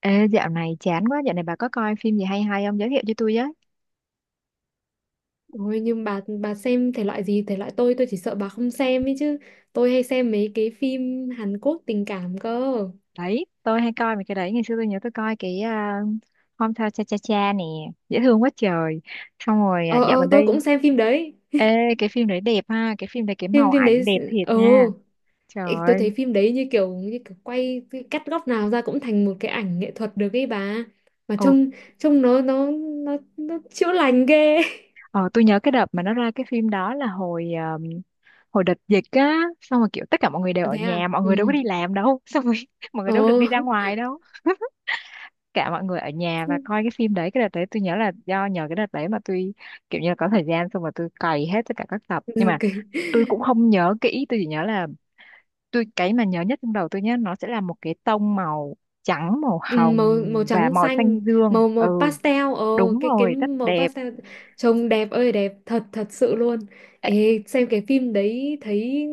Ê, dạo này chán quá, dạo này bà có coi phim gì hay hay không? Giới thiệu cho tôi với. Ôi, nhưng bà xem thể loại gì, thể loại tôi chỉ sợ bà không xem ấy chứ. Tôi hay xem mấy cái phim Hàn Quốc tình cảm cơ. Đấy, tôi hay coi mấy cái đấy, ngày xưa tôi nhớ tôi coi cái Hometown Cha Cha Cha nè, dễ thương quá trời. Xong rồi à, ờ dạo ờ gần tôi cũng đây, xem phim đấy. ê, cái phim đấy đẹp ha, cái phim đấy cái phim màu phim đấy. ảnh đẹp thiệt ờ nha. Trời Ê, tôi thấy ơi, phim đấy như kiểu quay, cái cắt góc nào ra cũng thành một cái ảnh nghệ thuật được ấy bà, mà ồ, trông trông nó, nó chữa lành ghê. ờ, tôi nhớ cái đợt mà nó ra cái phim đó là hồi um, hồi đợt dịch á, xong rồi kiểu tất cả mọi người đều ở Thế à? nhà, mọi người đâu Ừ. có đi làm đâu, xong rồi mọi người Ờ. đâu được đi ra ngoài đâu. Cả mọi người ở nhà và coi cái phim đấy. Cái đợt đấy tôi nhớ là do nhờ cái đợt đấy mà tôi kiểu như là có thời gian, xong rồi tôi cày hết tất cả các tập, nhưng mà Ok. tôi cũng không nhớ kỹ. Tôi chỉ nhớ là tôi cái mà nhớ nhất trong đầu tôi nhé, nó sẽ là một cái tông màu trắng, màu Ừ, hồng màu màu và trắng màu xanh. xanh dương. màu Ừ, màu pastel. Ồ, đúng cái rồi, rất màu đẹp. pastel. Trông đẹp ơi đẹp, thật thật sự luôn. Ê, xem cái phim đấy thấy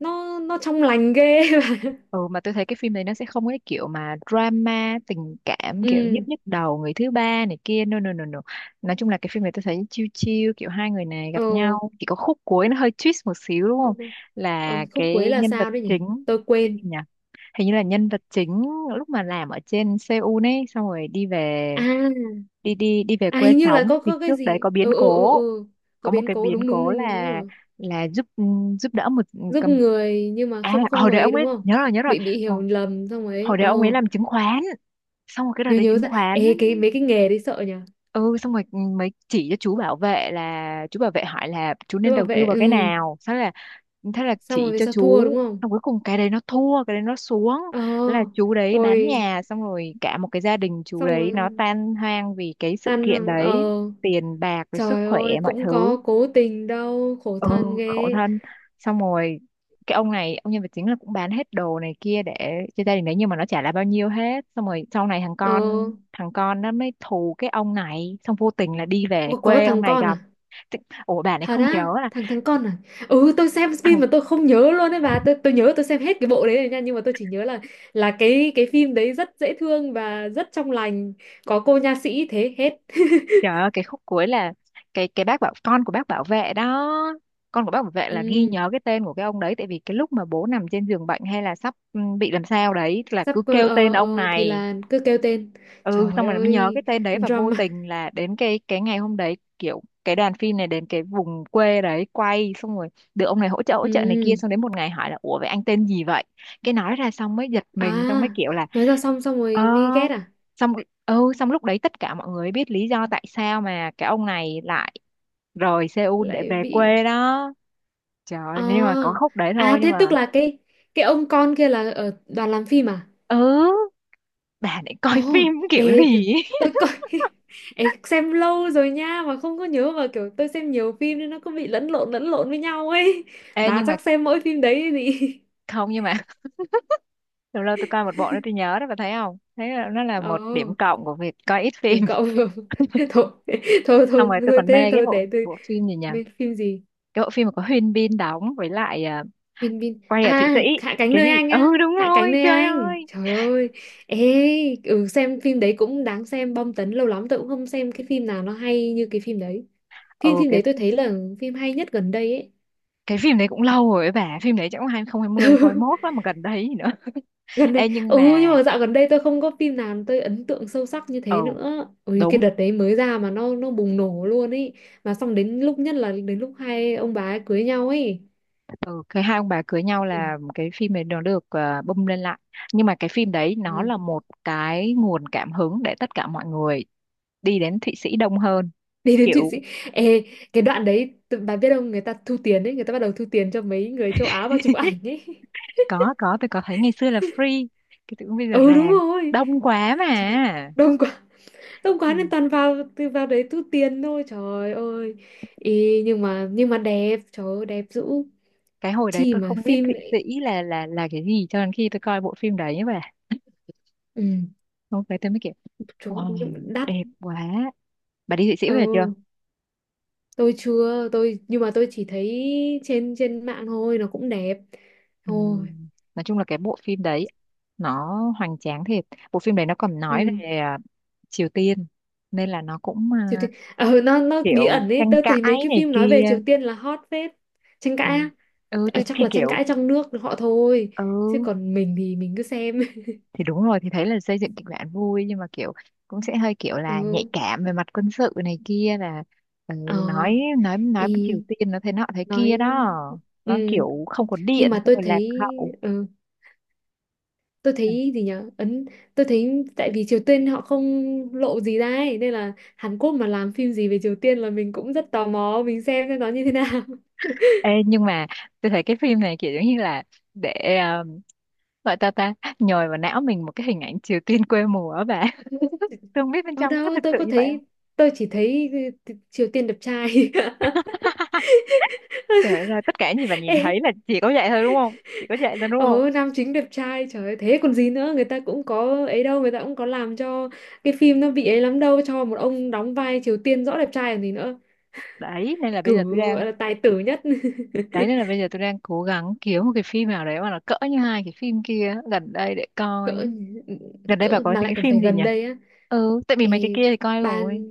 nó trong lành ghê, mà. Ừ, mà tôi thấy cái phim này nó sẽ không có cái kiểu mà drama tình cảm kiểu nhức Ừ. nhức đầu người thứ ba này kia, no no no no, nói chung là cái phim này tôi thấy chill chill, kiểu hai người này gặp Ồ. nhau, chỉ có khúc cuối nó hơi twist một xíu đúng không, Ờ, là khúc cuối cái là nhân vật sao đấy nhỉ? chính. Tôi Cái quên. gì nhỉ, hình như là nhân vật chính lúc mà làm ở trên Seoul ấy, xong rồi đi về, À, đi đi đi về à, quê hình như là sống có thì có cái trước đấy gì. có biến Ừ, ừ, ừ, cố. ừ, có Có một biến cái cố. biến Đúng, đúng, cố đúng, đúng, là, đúng rồi. là giúp đỡ một Giúp cầm, người nhưng mà à không không hồi đấy ấy ông đúng ấy, không? nhớ rồi nhớ rồi, Bị hiểu hồi, lầm xong ấy. hồi đấy ông ấy Ồ. làm chứng khoán, xong rồi cái đợt nhớ đấy nhớ chứng ra. khoán, Ê, mấy cái nghề đấy sợ nhỉ. ừ xong rồi, mới chỉ cho chú bảo vệ, là chú bảo vệ hỏi là chú Cứ nên bảo đầu tư vệ, vào cái ừ. nào sao, là thế là Xong rồi chỉ về cho sau thua chú, đúng không? xong cuối cùng cái đấy nó thua, cái đấy nó xuống, là Ờ. chú đấy bán Ôi, nhà, xong rồi cả một cái gia đình chú xong đấy rồi nó tan hoang vì cái sự tan kiện hàng. Ờ. đấy, tiền bạc rồi sức Trời khỏe ơi, mọi cũng thứ. có cố tình đâu, khổ Ừ, thân khổ ghê. thân, xong rồi cái ông này, ông nhân vật chính là cũng bán hết đồ này kia để cho gia đình đấy, nhưng mà nó chả là bao nhiêu hết, xong rồi sau này thằng Ờ. con thằng con nó mới thù cái ông này, xong vô tình là đi về Có quê ông thằng này con gặp. à? Thế- ủa bà này Thật không á? nhớ là Thằng thằng con à? Ừ, tôi xem phim thằng. mà tôi không nhớ luôn đấy bà, tôi nhớ tôi xem hết cái bộ đấy rồi nha, nhưng mà tôi chỉ nhớ là cái phim đấy rất dễ thương và rất trong lành. Có cô nha sĩ thế hết. Trời ơi, cái khúc cuối là, cái bác bảo con của bác bảo vệ đó, con của bác bảo vệ là ghi Ừ. nhớ cái tên của cái ông đấy, tại vì cái lúc mà bố nằm trên giường bệnh hay là sắp bị làm sao đấy là Sắp, cứ kêu tên ông thì này. là cứ kêu tên. Ừ, Trời xong rồi mới nhớ cái ơi, tên đấy, và vô drama. tình là đến cái ngày hôm đấy, kiểu cái đoàn phim này đến cái vùng quê đấy quay, xong rồi được ông này hỗ trợ này kia, Ừ. xong đến một ngày hỏi là ủa vậy anh tên gì vậy, cái nói ra xong mới giật À, mình, xong mới kiểu là nói ra xong xong ờ rồi mới ghét à? xong ừ, xong lúc đấy tất cả mọi người biết lý do tại sao mà cái ông này lại rời Seoul để Lại về bị. quê đó. Trời À. ơi, nhưng mà có khúc đấy thôi À nhưng thế mà, tức là cái ông con kia là ở đoàn làm phim à? ừ, bà này coi Ồ, phim kiểu ê t- gì ấy. tôi coi. Ê, xem lâu rồi nha mà không có nhớ, mà kiểu tôi xem nhiều phim nên nó cứ bị lẫn lộn với nhau ấy. Ê Bà nhưng mà, chắc xem mỗi phim đấy gì. không, nhưng mà lâu lâu tôi coi một bộ đó tôi nhớ đó, bà thấy không, thấy là nó là một điểm Ồ, cộng của việc coi ít tìm phim. cậu. Thôi, thôi, Xong thôi, rồi tôi thôi, còn thế mê cái thôi bộ để tôi. bộ phim gì nhỉ, Mấy phim gì? cái bộ phim mà có Huyên Bin đóng với lại, à, Bin Bin quay à? ở Thụy Sĩ, Hạ cánh cái gì, nơi anh ừ á, đúng Hạ cánh rồi, nơi trời anh, ơi. trời ơi. Ê. Ừ, xem phim đấy cũng đáng xem, bom tấn, lâu lắm tôi cũng không xem cái phim nào nó hay như cái phim đấy. phim Ừ, phim đấy tôi thấy là phim hay nhất gần đây ấy. cái phim đấy cũng lâu rồi ấy bà, phim đấy chắc cũng 2020 mốt lắm mà, gần đấy gì nữa. Gần đây. Ê nhưng Ừ, nhưng mà, mà dạo gần đây tôi không có phim nào tôi ấn tượng sâu sắc như ừ thế nữa. Ui, cái đúng. đợt đấy mới ra mà nó bùng nổ luôn ấy. Mà xong đến lúc, nhất là đến lúc hai ông bà ấy cưới nhau ấy. Ừ cái hai ông bà cưới nhau là cái phim này nó được, à, bung lên lại, nhưng mà cái phim đấy nó Ừ. là một cái nguồn cảm hứng để tất cả mọi người đi đến Thụy Sĩ đông hơn, Đi đến Thụy kiểu. Sĩ. Ê, cái đoạn đấy bà biết không, người ta thu tiền ấy, người ta bắt đầu thu tiền cho mấy người châu Á vào chụp ảnh ấy. Có, tôi có thấy ngày xưa là free, cái tự bây giờ Ừ, đúng ràng, rồi. đông quá mà. Trời, đông quá, đông quá Ừ. nên toàn vào, từ vào đấy thu tiền thôi, trời ơi. Ý, nhưng mà đẹp, trời ơi, đẹp dữ. Cái hồi đấy Chi tôi mà không biết phim Thụy lại. Sĩ là cái gì cho đến khi tôi coi bộ phim đấy, và Ừ. hôm đấy tôi mới kiểu Trời ơi, nhưng wow, mà đắt. đẹp quá. Bà đi Thụy Sĩ về chưa? Ừ, tôi chưa, tôi nhưng mà tôi chỉ thấy trên trên mạng thôi, nó cũng đẹp. Ừ. Thôi. Nói chung là cái bộ phim đấy nó hoành tráng thiệt. Bộ phim đấy nó còn nói Ừ. về, à, Triều Tiên, nên là nó cũng, Triều à, Tiên. Ờ, nó bí kiểu ẩn ấy, tranh tôi thấy mấy cãi cái này phim nói về kia. Triều Tiên là hot phết. Tranh cãi Ừ, á. ừ Ờ, tôi chắc thì là tranh kiểu, cãi trong nước họ thôi, chứ ừ còn mình thì mình cứ xem. thì đúng rồi, thì thấy là xây dựng kịch bản vui nhưng mà kiểu cũng sẽ hơi kiểu là nhạy Ừ. cảm về mặt quân sự này kia, là ừ, ờ nói Ý với Triều Tiên nó thế nọ thế kia nói. đó, nó Ừ, kiểu không có nhưng điện mà xong tôi rồi lạc thấy. hậu. Ừ, tôi thấy gì nhở, tôi thấy tại vì Triều Tiên họ không lộ gì ra ấy, nên là Hàn Quốc mà làm phim gì về Triều Tiên là mình cũng rất tò mò, mình xem nó như thế nào. Ê, nhưng mà tôi thấy cái phim này kiểu giống như là, để ờ, gọi ta ta nhồi vào não mình một cái hình ảnh Triều Tiên quê mùa á bà. Tôi không biết bên Ở trong nó có đâu thực tôi sự có như vậy không. thấy, tôi chỉ thấy, ừ, Triều Tiên đẹp trai. Trời đất ơi, tất cả những gì bà nhìn Ê. thấy là chỉ có vậy thôi đúng không, chỉ có vậy thôi đúng không? Ừ, nam chính đẹp trai, trời ơi, thế còn gì nữa, người ta cũng có ấy đâu, người ta cũng có làm cho cái phim nó bị ấy lắm đâu, cho một ông đóng vai Triều Tiên rõ đẹp trai còn gì nữa. Đấy nên là bây cử giờ tôi đang, gọi là tài tử nhất. đấy nên là bây giờ tôi đang cố gắng kiếm một cái phim nào đấy mà nó cỡ như hai cái phim kia gần đây để coi. cỡ Gần đây bà cỡ có mà thấy lại cái còn phim phải gì gần nhỉ? đây á. Ừ tại vì mấy cái Ê, kia thì coi bà rồi.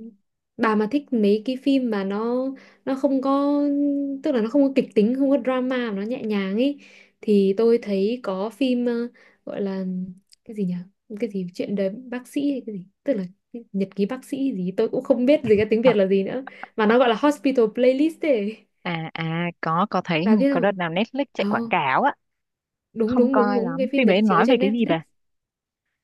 bà mà thích mấy cái phim mà nó không có, tức là nó không có kịch tính, không có drama mà nó nhẹ nhàng ấy, thì tôi thấy có phim, gọi là cái gì nhỉ, cái gì chuyện đời bác sĩ hay cái gì, tức là cái nhật ký bác sĩ gì, tôi cũng không biết gì cái tiếng À, Việt là gì nữa, mà nó gọi là Hospital Playlist ấy. à, có thấy hình Bà như biết có đợt không? nào Netflix chạy quảng ờ cáo á. Đúng, Không đúng, đúng, coi đúng, cái lắm, phim phim đấy đấy chiếu nói về trên cái gì Netflix. bà?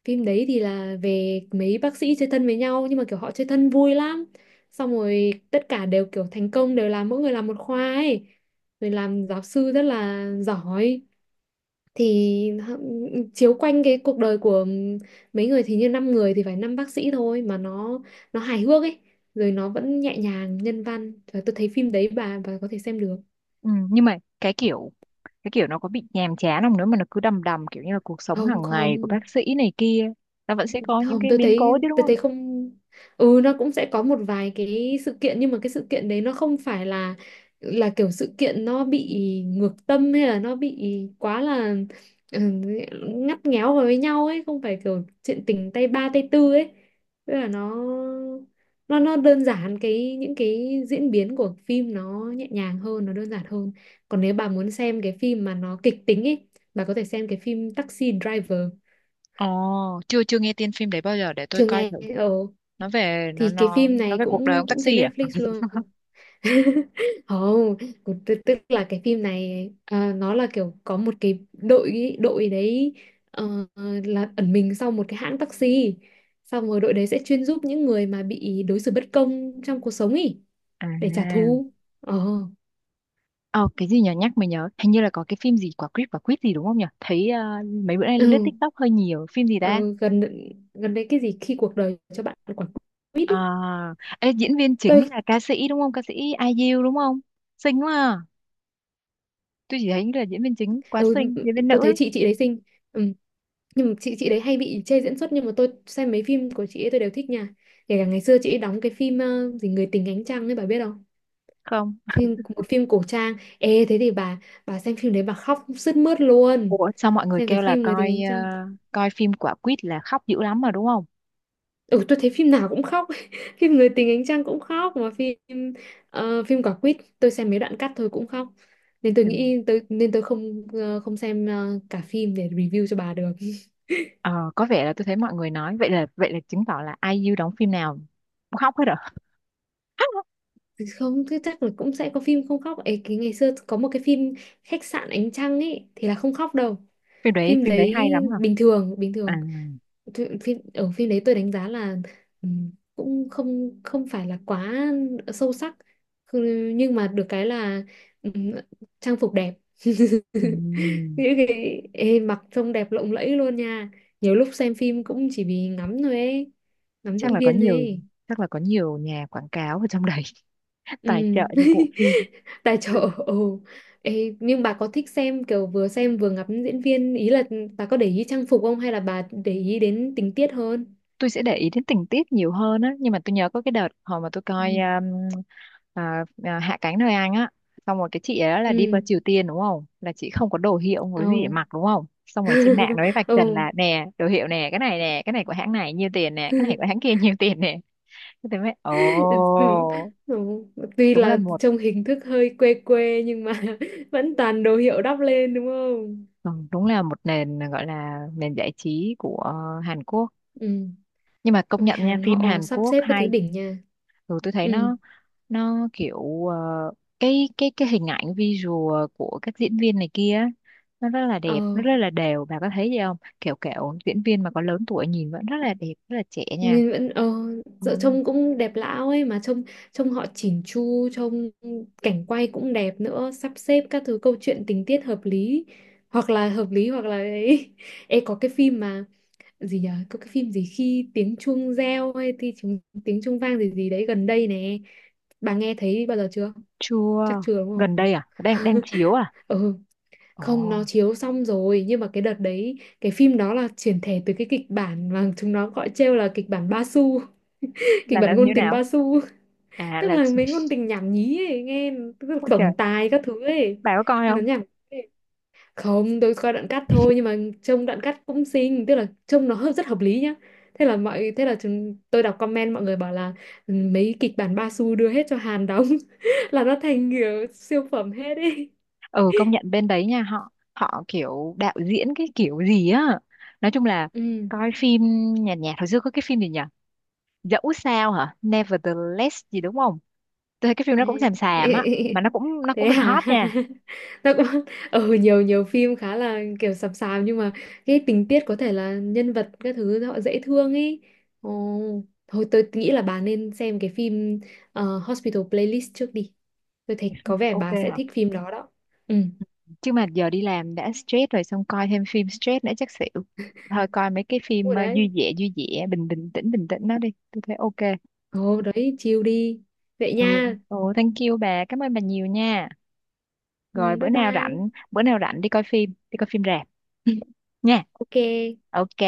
Phim đấy thì là về mấy bác sĩ chơi thân với nhau, nhưng mà kiểu họ chơi thân vui lắm, xong rồi tất cả đều kiểu thành công, đều làm mỗi người làm một khoa ấy, rồi làm giáo sư rất là giỏi. Thì chiếu quanh cái cuộc đời của mấy người, thì như năm người thì phải năm bác sĩ thôi, mà nó hài hước ấy, rồi nó vẫn nhẹ nhàng, nhân văn. Trời, tôi thấy phim đấy bà có thể xem được. Ừ, nhưng mà cái kiểu, cái kiểu nó có bị nhàm chán không nữa mà nó cứ đầm đầm kiểu như là cuộc sống Không, hàng ngày của không, bác sĩ này kia, nó vẫn sẽ có những không, cái tôi biến thấy cố chứ đúng tôi không? thấy không. Ừ, nó cũng sẽ có một vài cái sự kiện, nhưng mà cái sự kiện đấy nó không phải là kiểu sự kiện nó bị ngược tâm, hay là nó bị quá là, ừ, ngắt nghéo vào với nhau ấy, không phải kiểu chuyện tình tay ba tay tư ấy, tức là nó đơn giản, cái những cái diễn biến của phim nó nhẹ nhàng hơn, nó đơn giản hơn. Còn nếu bà muốn xem cái phim mà nó kịch tính ấy, bà có thể xem cái phim Taxi Driver. Ồ, chưa, chưa nghe tên phim đấy bao giờ, để tôi Chưa coi nghe. thử. Ừ, Nó về, nó thì cái nó phim nó này về cuộc đời cũng ông cũng trên taxi à? Netflix luôn. Không, cũng tức tức là cái phim này, nó là kiểu có một cái đội đội đấy, ờ, là ẩn mình sau một cái hãng taxi, xong rồi đội đấy sẽ chuyên giúp những người mà bị đối xử bất công trong cuộc sống ý, À, để trả thù. Ờ. ờ, cái gì nhở, nhắc mình nhớ hình như là có cái phim gì quả quýt gì đúng không nhở, thấy ờ, mấy bữa nay lướt Ừ, TikTok hơi nhiều, phim gì ờ, ta. gần gần đây cái gì khi cuộc đời cho bạn quả quýt ý. À, ê, diễn viên Tôi. chính là ca sĩ đúng không, ca sĩ ai IU đúng không, xinh quá à. Tôi chỉ thấy là diễn viên chính quá Ừ, xinh, ừ, diễn viên nữ tôi thấy ấy. chị đấy xinh. Ừ. Nhưng mà chị đấy hay bị chê diễn xuất, nhưng mà tôi xem mấy phim của chị ấy tôi đều thích nha, kể cả ngày xưa chị ấy đóng cái phim, gì người tình ánh trăng ấy, bà biết không? Không, Một phim cổ trang. Ê, thế thì bà xem phim đấy bà khóc sướt mướt luôn. ủa sao mọi người Xem cái kêu là phim người tình coi ánh ờ, trăng. coi phim quả quýt là khóc dữ lắm mà đúng không? Ừ, tôi thấy phim nào cũng khóc, phim người tình ánh trăng cũng khóc, mà phim quả quýt tôi xem mấy đoạn cắt thôi cũng khóc, nên tôi Ừ. nghĩ tôi nên tôi không, không xem, cả phim để review cho bà được. Ờ, có vẻ là tôi thấy mọi người nói vậy, là vậy là chứng tỏ là ai IU đóng phim nào cũng khóc hết à. Không, thế chắc là cũng sẽ có phim không khóc ấy, cái ngày xưa có một cái phim khách sạn ánh trăng ấy thì là không khóc đâu. Phim đấy, Phim phim đấy đấy hay lắm hả? bình thường, bình À. thường. Phim đấy tôi đánh giá là, ừm, cũng không không phải là quá sâu sắc. Ừ, nhưng mà được cái là, ừm, trang phục đẹp. Ừm, Những cái, mặc trông đẹp lộng lẫy luôn nha, nhiều lúc xem phim cũng chỉ vì ngắm thôi ấy, ngắm chắc diễn là có viên thôi nhiều, ấy. chắc là có nhiều nhà quảng cáo ở trong đấy, Ừ. tài trợ cho bộ phim. Tài Ừ, trợ, ừ. Ê, nhưng bà có thích xem kiểu vừa xem vừa ngắm diễn viên, ý là bà có để ý trang phục không hay là bà để ý đến tình tiết hơn? tôi sẽ để ý đến tình tiết nhiều hơn á, nhưng mà tôi nhớ có cái đợt hồi mà tôi coi Ừ. À, à, Hạ cánh nơi Anh á, xong rồi cái chị ấy là đi qua Ừ. Triều Tiên đúng không, là chị không có đồ hiệu không có Ồ. gì để mặc đúng không, xong rồi trên mạng nó mới vạch Ồ. trần là nè đồ hiệu nè, cái này nè, cái này của hãng này nhiêu tiền nè, cái này của hãng kia nhiêu tiền nè, thế tôi mới Ừ. ồ. Ừ. Tuy Đúng là là một, trông hình thức hơi quê quê nhưng mà, vẫn toàn đồ hiệu đắp lên đúng không? ừ, đúng là một nền, gọi là nền giải trí của Hàn Quốc, Ừ. nhưng mà công Ôi, nhận nha, Hàn phim họ Hàn sắp Quốc xếp các thứ hay. đỉnh nha. Rồi tôi thấy Ừ. nó kiểu ờ, cái cái hình ảnh visual của các diễn viên này kia á, nó rất là ờ đẹp, nó rất là đều, bà có thấy gì không, kiểu kiểu diễn viên mà có lớn tuổi nhìn vẫn rất là đẹp rất là trẻ nha. Nhìn vẫn. ờ Ừ, dạo trông cũng đẹp lão ấy, mà trông trông họ chỉn chu, trông cảnh quay cũng đẹp nữa, sắp xếp các thứ câu chuyện tình tiết hợp lý, hoặc là hợp lý hoặc là ấy. Ê, có cái phim mà gì nhở, có cái phim gì khi tiếng chuông reo hay thì tiếng chuông vang gì gì đấy, gần đây nè, bà nghe thấy bao giờ chưa? Chắc chưa. chưa đúng Gần không? đây à, đang đang chiếu à? Ừ. Ồ. Không, nó chiếu xong rồi, nhưng mà cái đợt đấy cái phim đó là chuyển thể từ cái kịch bản mà chúng nó gọi trêu là kịch bản Ba Su, kịch Là bản như ngôn tình nào? ba xu. À Tức là. là mấy ngôn tình nhảm nhí ấy nghe, tức là Ôi trời, tổng tài các thứ ấy, bà có coi nó không? nhảm nhí ấy. Không, tôi coi đoạn cắt thôi, nhưng mà trông đoạn cắt cũng xinh, tức là trông nó rất hợp lý nhá. Thế là mọi thế là chúng, Tôi đọc comment mọi người bảo là, "Ừ, mấy kịch bản ba xu đưa hết cho Hàn đóng," là nó thành kiểu siêu phẩm hết ấy. Ừ, công nhận bên đấy nha, họ họ kiểu đạo diễn cái kiểu gì á, nói chung là Ừ. coi phim nhạt nhạt. Hồi xưa có cái phim gì nhỉ, dẫu sao hả, Nevertheless gì đúng không, tôi thấy cái phim Ê. nó cũng xàm xàm á, mà nó cũng, nó cũng Thế được hả? hot nha. Nó cũng, ừ, nhiều nhiều phim khá là kiểu sập sàm, nhưng mà cái tình tiết có thể là nhân vật các thứ họ dễ thương ấy. Ồ, thôi tôi nghĩ là bà nên xem cái phim, Hospital Playlist trước đi, tôi thấy có vẻ OK bà sẽ hả? thích phim đó đó. Ừ. Chứ mà giờ đi làm đã stress rồi, xong coi thêm phim stress nữa chắc xỉu. Thôi coi mấy cái phim Ủa ờ, vui đấy. vẻ vui vẻ, bình bình tĩnh đó đi, tôi thấy OK. Ồ đấy, chill đi, vậy Ừ. nha. Ồ, thank you bà, cảm ơn bà nhiều nha. Rồi Ừ, bữa bye nào bye. rảnh, bữa nào rảnh đi coi phim, đi coi phim rạp. Nha. Ok. OK.